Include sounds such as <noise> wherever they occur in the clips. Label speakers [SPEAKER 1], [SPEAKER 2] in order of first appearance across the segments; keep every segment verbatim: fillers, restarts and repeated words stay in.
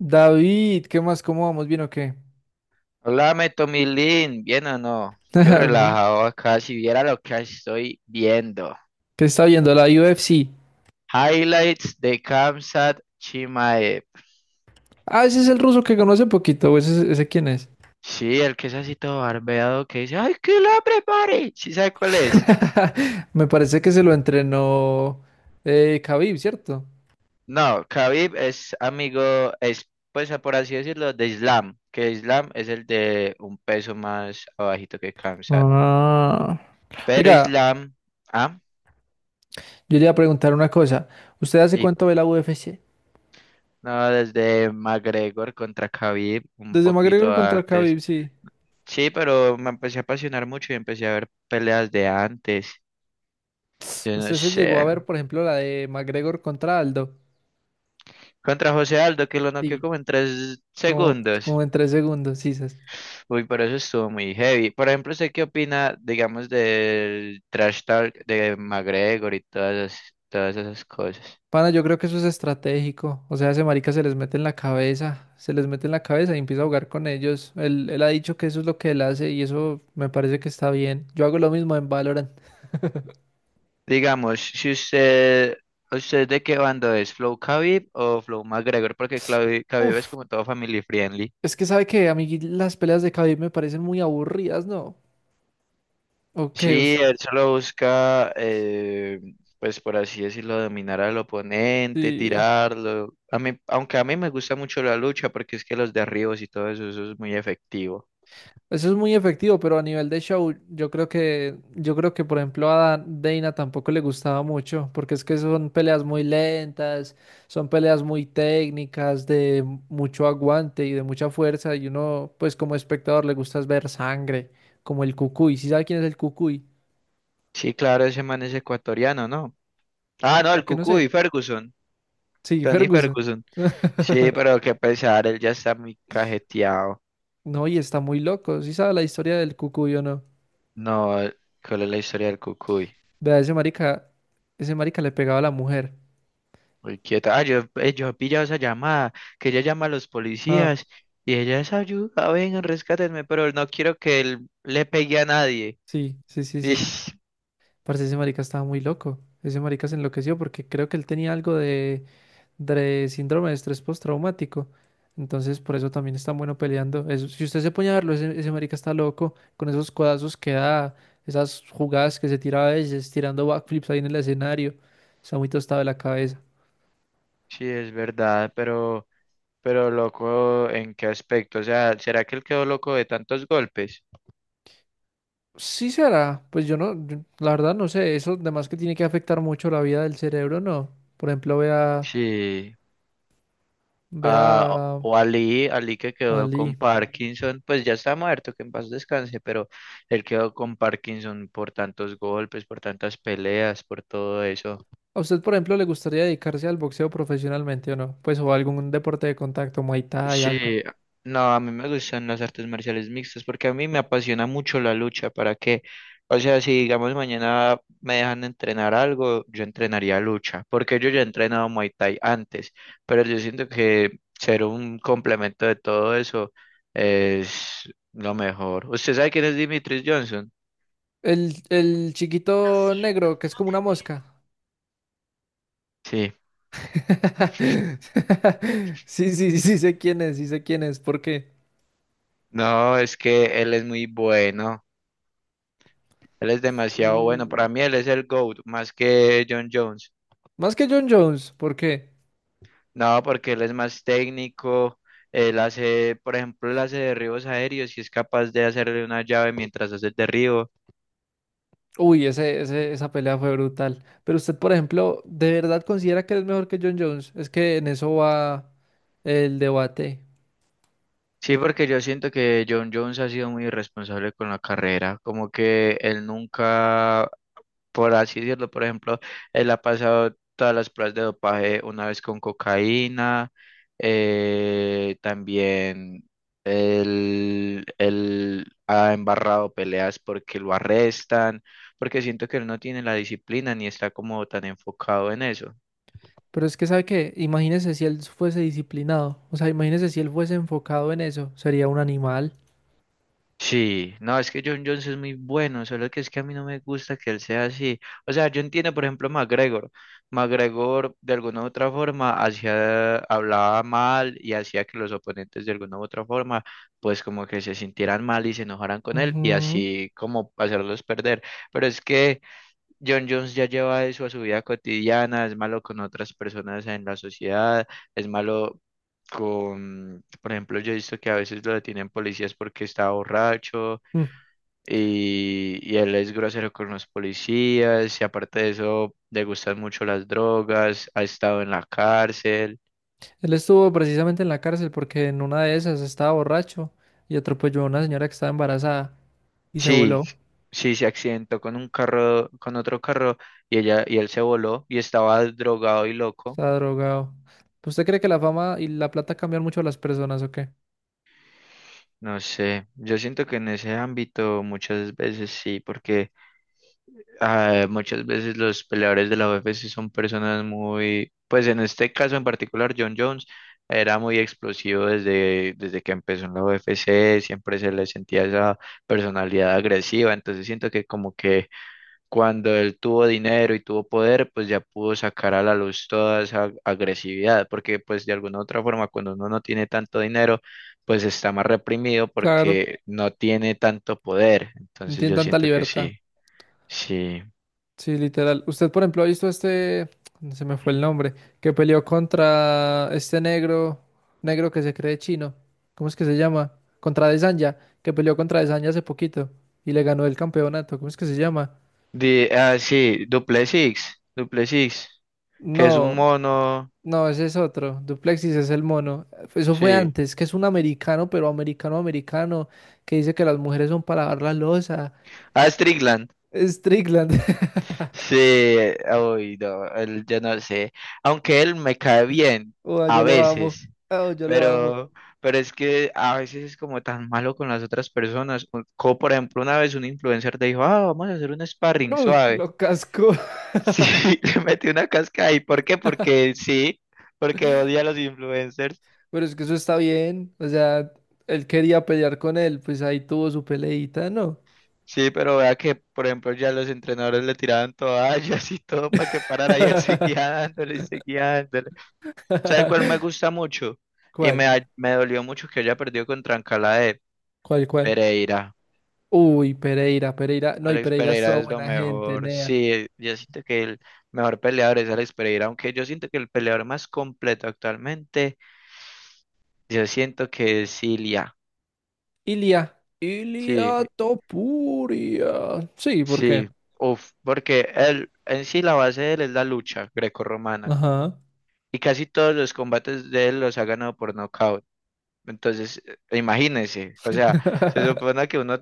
[SPEAKER 1] David, ¿qué más? ¿Cómo vamos? ¿Bien o qué?
[SPEAKER 2] Háblame, Tomilín, ¿bien o no?
[SPEAKER 1] <laughs>
[SPEAKER 2] Yo
[SPEAKER 1] David,
[SPEAKER 2] relajado acá, si viera lo que estoy viendo.
[SPEAKER 1] ¿qué está viendo? La U F C.
[SPEAKER 2] Highlights de Kamsat Chimaev.
[SPEAKER 1] Ah, ese es el ruso que conoce poquito. ¿o ¿Ese, ese quién es?
[SPEAKER 2] Sí, el que es así todo barbeado que dice, ¡ay, que la prepare! ¿Sí sabe cuál es?
[SPEAKER 1] <laughs> Me parece que se lo entrenó eh, Khabib, ¿cierto?
[SPEAKER 2] No, Khabib es amigo, es, pues por así decirlo, de Islam, que Islam es el de un peso más abajito que Kamsat.
[SPEAKER 1] Ah.
[SPEAKER 2] Pero
[SPEAKER 1] Oiga,
[SPEAKER 2] Islam, ah,
[SPEAKER 1] yo le iba a preguntar una cosa. ¿Usted hace
[SPEAKER 2] sí,
[SPEAKER 1] cuánto ve la U F C?
[SPEAKER 2] no, desde McGregor contra Khabib, un
[SPEAKER 1] Desde
[SPEAKER 2] poquito
[SPEAKER 1] McGregor contra
[SPEAKER 2] antes.
[SPEAKER 1] Khabib, sí.
[SPEAKER 2] Sí, pero me empecé a apasionar mucho y empecé a ver peleas de antes. Yo no
[SPEAKER 1] ¿Usted se llegó a
[SPEAKER 2] sé.
[SPEAKER 1] ver, por ejemplo, la de McGregor contra Aldo?
[SPEAKER 2] Contra José Aldo, que lo noqueó
[SPEAKER 1] Sí.
[SPEAKER 2] como en tres
[SPEAKER 1] Como,
[SPEAKER 2] segundos.
[SPEAKER 1] como en tres segundos, sí. Sí.
[SPEAKER 2] Uy, pero eso estuvo muy heavy. Por ejemplo, ¿usted qué opina, digamos, del trash talk de McGregor y todas esas, todas esas cosas?
[SPEAKER 1] Pana, yo creo que eso es estratégico. O sea, ese marica se les mete en la cabeza, se les mete en la cabeza y empieza a jugar con ellos. Él, él ha dicho que eso es lo que él hace y eso me parece que está bien. Yo hago lo mismo en Valorant.
[SPEAKER 2] Digamos, si usted, ¿usted de qué bando es? ¿Flow Khabib o Flow McGregor? Porque Khabib Khabib es
[SPEAKER 1] Uf,
[SPEAKER 2] como todo family friendly.
[SPEAKER 1] es que sabe que a mí las peleas de Khabib me parecen muy aburridas, ¿no? Ok,
[SPEAKER 2] Sí,
[SPEAKER 1] us-
[SPEAKER 2] él solo busca, eh, pues por así decirlo, dominar al oponente,
[SPEAKER 1] sí.
[SPEAKER 2] tirarlo. A mí, aunque a mí me gusta mucho la lucha porque es que los derribos y todo eso, eso es muy efectivo.
[SPEAKER 1] Eso es muy efectivo, pero a nivel de show, yo creo que, yo creo que por ejemplo a Dana tampoco le gustaba mucho, porque es que son peleas muy lentas, son peleas muy técnicas, de mucho aguante y de mucha fuerza, y uno, pues como espectador, le gusta es ver sangre, como el Cucuy. ¿Sí sabe quién es el Cucuy?
[SPEAKER 2] Sí, claro, ese man es ecuatoriano, ¿no? Ah, no, el
[SPEAKER 1] Mira que no sé.
[SPEAKER 2] Cucuy, Ferguson,
[SPEAKER 1] Sí,
[SPEAKER 2] Tony
[SPEAKER 1] Ferguson.
[SPEAKER 2] Ferguson. Sí,
[SPEAKER 1] <laughs>
[SPEAKER 2] pero qué pesar, él ya está muy cajeteado.
[SPEAKER 1] No, y está muy loco. ¿Sí sabe la historia del Cucuy o no?
[SPEAKER 2] No, eh, ¿cuál es la historia del cucuy?
[SPEAKER 1] Vea, ese marica, ese marica le pegaba a la mujer.
[SPEAKER 2] Muy quieta. Ah, yo, eh, yo he pillado esa llamada, que ella llama a los
[SPEAKER 1] Ah,
[SPEAKER 2] policías y ella es ayuda, vengan, rescátenme, pero no quiero que él le pegue a nadie.
[SPEAKER 1] sí, sí, sí, sí.
[SPEAKER 2] Ish,
[SPEAKER 1] Parce, ese marica estaba muy loco. Ese marica se enloqueció porque creo que él tenía algo de, de síndrome de estrés postraumático. Entonces, por eso también es tan bueno peleando. Eso- si usted se pone a verlo, ese, ese marica está loco con esos codazos que da, esas jugadas que se tira a veces, tirando backflips ahí en el escenario. Está muy tostado de la cabeza.
[SPEAKER 2] sí, es verdad, pero, pero loco, ¿en qué aspecto? O sea, ¿será que él quedó loco de tantos golpes?
[SPEAKER 1] Sí será, pues yo no, yo- la verdad no sé, eso además que tiene que afectar mucho la vida del cerebro, no. Por ejemplo, vea,
[SPEAKER 2] Sí,
[SPEAKER 1] vea
[SPEAKER 2] a-
[SPEAKER 1] a
[SPEAKER 2] o Ali, Ali que
[SPEAKER 1] a
[SPEAKER 2] quedó con
[SPEAKER 1] Lee.
[SPEAKER 2] Parkinson, pues ya está muerto, que en paz descanse, pero él quedó con Parkinson por tantos golpes, por tantas peleas, por todo eso.
[SPEAKER 1] ¿A usted, por ejemplo, le gustaría dedicarse al boxeo profesionalmente o no? Pues o algún deporte de contacto, Muay Thai,
[SPEAKER 2] Sí,
[SPEAKER 1] algo.
[SPEAKER 2] no, a mí me gustan las artes marciales mixtas porque a mí me apasiona mucho la lucha, ¿para qué? O sea, si digamos mañana me dejan entrenar algo, yo entrenaría lucha, porque yo ya he entrenado Muay Thai antes, pero yo siento que ser un complemento de todo eso es lo mejor. ¿Usted sabe quién es Dimitris Johnson?
[SPEAKER 1] El, el chiquito negro, que es como una mosca.
[SPEAKER 2] Sí,
[SPEAKER 1] <laughs> Sí, sí, sí sé quién es, sí sé quién es. ¿Por qué?
[SPEAKER 2] no, es que él es muy bueno, él es demasiado bueno,
[SPEAKER 1] Mm,
[SPEAKER 2] para mí él es el GOAT, más que John Jones.
[SPEAKER 1] más que John Jones, ¿por qué?
[SPEAKER 2] No, porque él es más técnico, él hace, por ejemplo, él hace derribos aéreos y es capaz de hacerle una llave mientras hace el derribo.
[SPEAKER 1] Uy, ese, ese- esa pelea fue brutal. Pero usted, por ejemplo, ¿de verdad considera que es mejor que John Jones? Es que en eso va el debate.
[SPEAKER 2] Sí, porque yo siento que John Jones ha sido muy irresponsable con la carrera, como que él nunca por así decirlo. Por ejemplo, él ha pasado todas las pruebas de dopaje una vez con cocaína, eh, también él, él ha embarrado peleas porque lo arrestan, porque siento que él no tiene la disciplina ni está como tan enfocado en eso.
[SPEAKER 1] Pero es que sabe que, imagínese si él fuese disciplinado, o sea, imagínese si él fuese enfocado en eso, sería un animal.
[SPEAKER 2] Sí, no, es que John Jones es muy bueno, solo que es que a mí no me gusta que él sea así. O sea, yo entiendo, por ejemplo, McGregor. McGregor, de alguna u otra forma, hacía, hablaba mal y hacía que los oponentes, de alguna u otra forma, pues como que se sintieran mal y se enojaran con él y
[SPEAKER 1] Ujú.
[SPEAKER 2] así como hacerlos perder. Pero es que John Jones ya lleva eso a su vida cotidiana, es malo con otras personas en la sociedad, es malo con, por ejemplo, yo he visto que a veces lo detienen policías porque está borracho
[SPEAKER 1] Mm.
[SPEAKER 2] y, y él es grosero con los policías y aparte de eso le gustan mucho las drogas, ha estado en la cárcel.
[SPEAKER 1] Él estuvo precisamente en la cárcel porque en una de esas estaba borracho y atropelló a una señora que estaba embarazada y se
[SPEAKER 2] Sí,
[SPEAKER 1] voló,
[SPEAKER 2] sí, se accidentó con un carro, con otro carro y ella y él se voló y estaba drogado y loco.
[SPEAKER 1] estaba drogado. ¿Usted cree que la fama y la plata cambian mucho a las personas o qué?
[SPEAKER 2] No sé, yo siento que en ese ámbito muchas veces sí, porque ah, muchas veces los peleadores de la U F C son personas muy, pues en este caso en particular, John Jones era muy explosivo desde, desde que empezó en la U F C, siempre se le sentía esa personalidad agresiva, entonces siento que como que cuando él tuvo dinero y tuvo poder, pues ya pudo sacar a la luz toda esa agresividad, porque pues de alguna u otra forma cuando uno no tiene tanto dinero, pues está más reprimido
[SPEAKER 1] Claro,
[SPEAKER 2] porque no tiene tanto poder,
[SPEAKER 1] no
[SPEAKER 2] entonces
[SPEAKER 1] tienen
[SPEAKER 2] yo
[SPEAKER 1] tanta
[SPEAKER 2] siento que
[SPEAKER 1] libertad.
[SPEAKER 2] sí. Sí,
[SPEAKER 1] Sí, literal. Usted, por ejemplo, ha visto este, se me fue el nombre, que peleó contra este negro, negro que se cree chino. ¿Cómo es que se llama? Contra Desanya, que peleó contra Desanya hace poquito y le ganó el campeonato. ¿Cómo es que se llama?
[SPEAKER 2] de ah, sí, Duplessis, Duplessis, que es un
[SPEAKER 1] No,
[SPEAKER 2] mono,
[SPEAKER 1] no, ese es otro. Duplexis es el mono. Eso fue
[SPEAKER 2] sí.
[SPEAKER 1] antes, que es un americano, pero americano americano, que dice que las mujeres son para lavar la loza.
[SPEAKER 2] Ah, Strickland,
[SPEAKER 1] Strickland. <laughs>
[SPEAKER 2] sí, uy, no, él, yo no sé, aunque él me cae bien,
[SPEAKER 1] Oh,
[SPEAKER 2] a
[SPEAKER 1] yo lo amo.
[SPEAKER 2] veces,
[SPEAKER 1] Oh, yo lo amo.
[SPEAKER 2] pero, pero es que a veces es como tan malo con las otras personas, co- como por ejemplo una vez un influencer te dijo, ah, vamos a hacer un sparring
[SPEAKER 1] Uh,
[SPEAKER 2] suave,
[SPEAKER 1] lo casco.
[SPEAKER 2] sí, <laughs> le metí una casca ahí, ¿por qué? Porque sí, porque odia a los influencers.
[SPEAKER 1] Pero es que eso está bien. O sea, él quería pelear con él, pues ahí tuvo su peleita, ¿no?
[SPEAKER 2] Sí, pero vea que, por ejemplo, ya los entrenadores le tiraban toallas y todo para que parara y él <laughs> seguía
[SPEAKER 1] <laughs>
[SPEAKER 2] dándole y seguía dándole. ¿Sabe cuál me gusta mucho? Y me,
[SPEAKER 1] ¿Cuál?
[SPEAKER 2] da- me dolió mucho que haya perdido contra Trancalá de
[SPEAKER 1] ¿Cuál, cuál?
[SPEAKER 2] Pereira.
[SPEAKER 1] Uy, Pereira, Pereira. No, y
[SPEAKER 2] Alex
[SPEAKER 1] Pereira es
[SPEAKER 2] Pereira
[SPEAKER 1] toda
[SPEAKER 2] es lo
[SPEAKER 1] buena gente,
[SPEAKER 2] mejor.
[SPEAKER 1] Nea.
[SPEAKER 2] Sí, yo siento que el mejor peleador es Alex Pereira, aunque yo siento que el peleador más completo actualmente, yo siento que es Ilia.
[SPEAKER 1] Ilia.
[SPEAKER 2] Sí,
[SPEAKER 1] Ilia Topuria. Sí, ¿por qué?
[SPEAKER 2] sí. Uf, porque él, en sí la base de él es la lucha grecorromana.
[SPEAKER 1] Ajá.
[SPEAKER 2] Y casi todos los combates de él los ha ganado por nocaut. Entonces, eh, imagínense, o sea, se
[SPEAKER 1] <laughs>
[SPEAKER 2] supone que uno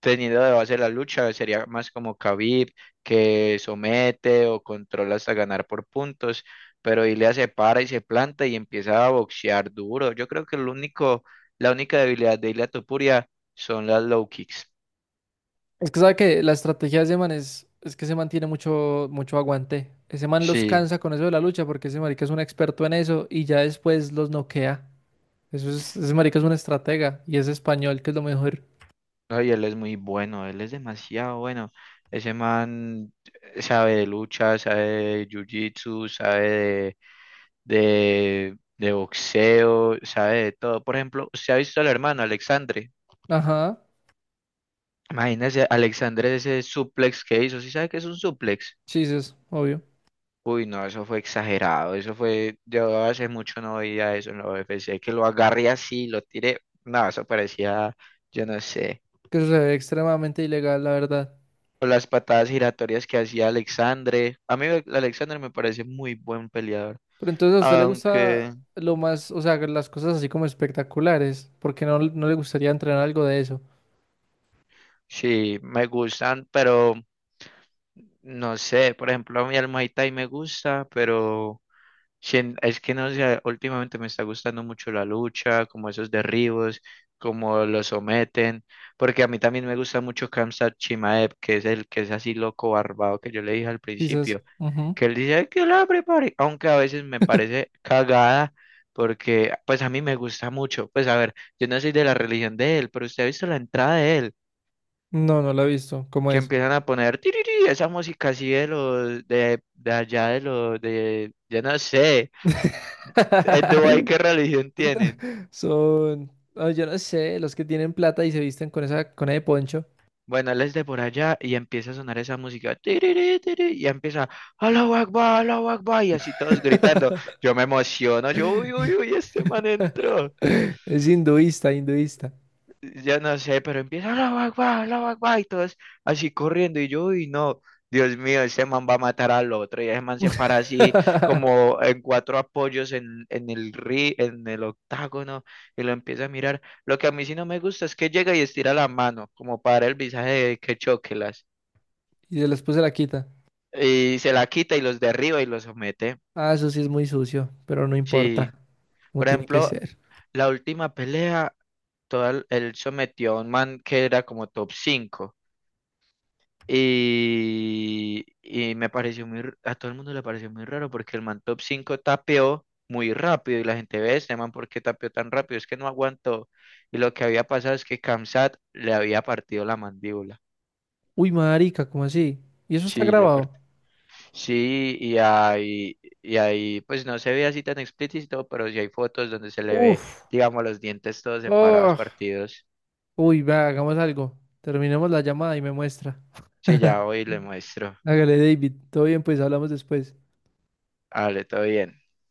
[SPEAKER 2] teniendo de base la lucha sería más como Khabib, que somete o controla hasta ganar por puntos, pero Ilia se para y se planta y empieza a boxear duro. Yo creo que el único, la única debilidad de Ilia Topuria son las low kicks.
[SPEAKER 1] Es que sabe que la estrategia de ese man es, es que ese man tiene mucho, mucho aguante. Ese man los
[SPEAKER 2] Sí.
[SPEAKER 1] cansa con eso de la lucha porque ese marica es un experto en eso y ya después los noquea. Eso es, ese marica es un estratega y es español, que es lo mejor.
[SPEAKER 2] No, y él es muy bueno, él es demasiado bueno. Ese man sabe de lucha, sabe de jiu-jitsu, sabe de, de, de boxeo, sabe de todo. Por ejemplo, ¿usted ha visto al hermano Alexandre?
[SPEAKER 1] Ajá,
[SPEAKER 2] Imagínese, Alexandre ese suplex que hizo. ¿Sí sabe qué es un suplex?
[SPEAKER 1] chistes, obvio.
[SPEAKER 2] Uy, no, eso fue exagerado. Eso fue, yo hace mucho no veía eso en la U F C, que lo agarré así, lo tiré. No, eso parecía, yo no sé.
[SPEAKER 1] Que eso se ve extremadamente ilegal, la verdad.
[SPEAKER 2] O las patadas giratorias que hacía Alexandre. A mí Alexandre me parece muy buen peleador.
[SPEAKER 1] Pero entonces a usted le gusta
[SPEAKER 2] Aunque
[SPEAKER 1] lo más, o sea, las cosas así como espectaculares, porque no, no le gustaría entrenar algo de eso.
[SPEAKER 2] sí, me gustan, pero no sé. Por ejemplo, a mí el Muay Thai me gusta, pero sien- es que no sé, últimamente me está gustando mucho la lucha, como esos derribos, como lo someten. Porque a mí también me gusta mucho Khamzat Chimaev, que es el que es así loco barbado que yo le dije al
[SPEAKER 1] Chistes.
[SPEAKER 2] principio.
[SPEAKER 1] Ujú.
[SPEAKER 2] Que él dice "Ay, que la prepare", aunque a veces me parece cagada, porque pues a mí me gusta mucho. Pues a ver, yo no soy de la religión de él, pero usted ha visto la entrada de él,
[SPEAKER 1] No, no lo he visto. ¿Cómo
[SPEAKER 2] que
[SPEAKER 1] es?
[SPEAKER 2] empiezan a poner "Tiriri", esa música así de los de, de allá de los de yo no sé, en Dubái qué
[SPEAKER 1] <laughs>
[SPEAKER 2] religión tienen.
[SPEAKER 1] Son, ah, yo no sé, los que tienen plata y se visten con esa, con ese poncho.
[SPEAKER 2] Bueno, él es de por allá y empieza a sonar esa música, "Tiriri, tiriri", y empieza, Allahu Akbar, Allahu Akbar, y así todos gritando.
[SPEAKER 1] <laughs>
[SPEAKER 2] Yo me emociono, yo, uy, uy, uy, este man entró.
[SPEAKER 1] Es hinduista, hinduista.
[SPEAKER 2] Ya no sé, pero empieza la Akbar, Allahu Akbar", y todos así corriendo, y yo, uy no, Dios mío, ese man va a matar al otro, y ese man se para así
[SPEAKER 1] <laughs>
[SPEAKER 2] como en cuatro apoyos en, en el ri, en el octágono, y lo empieza a mirar. Lo que a mí sí no me gusta es que llega y estira la mano, como para el visaje de que choquelas,
[SPEAKER 1] Y se después se la quita.
[SPEAKER 2] y se la quita y los derriba y los somete.
[SPEAKER 1] Ah, eso sí es muy sucio, pero no
[SPEAKER 2] Sí,
[SPEAKER 1] importa, como
[SPEAKER 2] por
[SPEAKER 1] tiene que
[SPEAKER 2] ejemplo,
[SPEAKER 1] ser.
[SPEAKER 2] la última pelea, todo el- él sometió a un man que era como top cinco. Y, y me pareció muy, r- a todo el mundo le pareció muy raro porque el man top cinco tapeó muy rápido y la gente ve, este man, ¿por qué tapeó tan rápido? Es que no aguantó. Y lo que había pasado es que Kamsat le había partido la mandíbula.
[SPEAKER 1] Uy, marica, ¿cómo así? ¿Y eso está
[SPEAKER 2] Sí, le part-
[SPEAKER 1] grabado?
[SPEAKER 2] sí, y ahí, y ahí, pues no se ve así tan explícito, pero sí hay fotos donde se le ve,
[SPEAKER 1] Uf,
[SPEAKER 2] digamos, los dientes todos separados,
[SPEAKER 1] oh.
[SPEAKER 2] partidos.
[SPEAKER 1] Uy, va, hagamos algo. Terminemos la llamada y me muestra.
[SPEAKER 2] Sí, ya
[SPEAKER 1] <laughs>
[SPEAKER 2] hoy le muestro.
[SPEAKER 1] Hágale, David. Todo bien, pues hablamos después.
[SPEAKER 2] Vale, todo bien.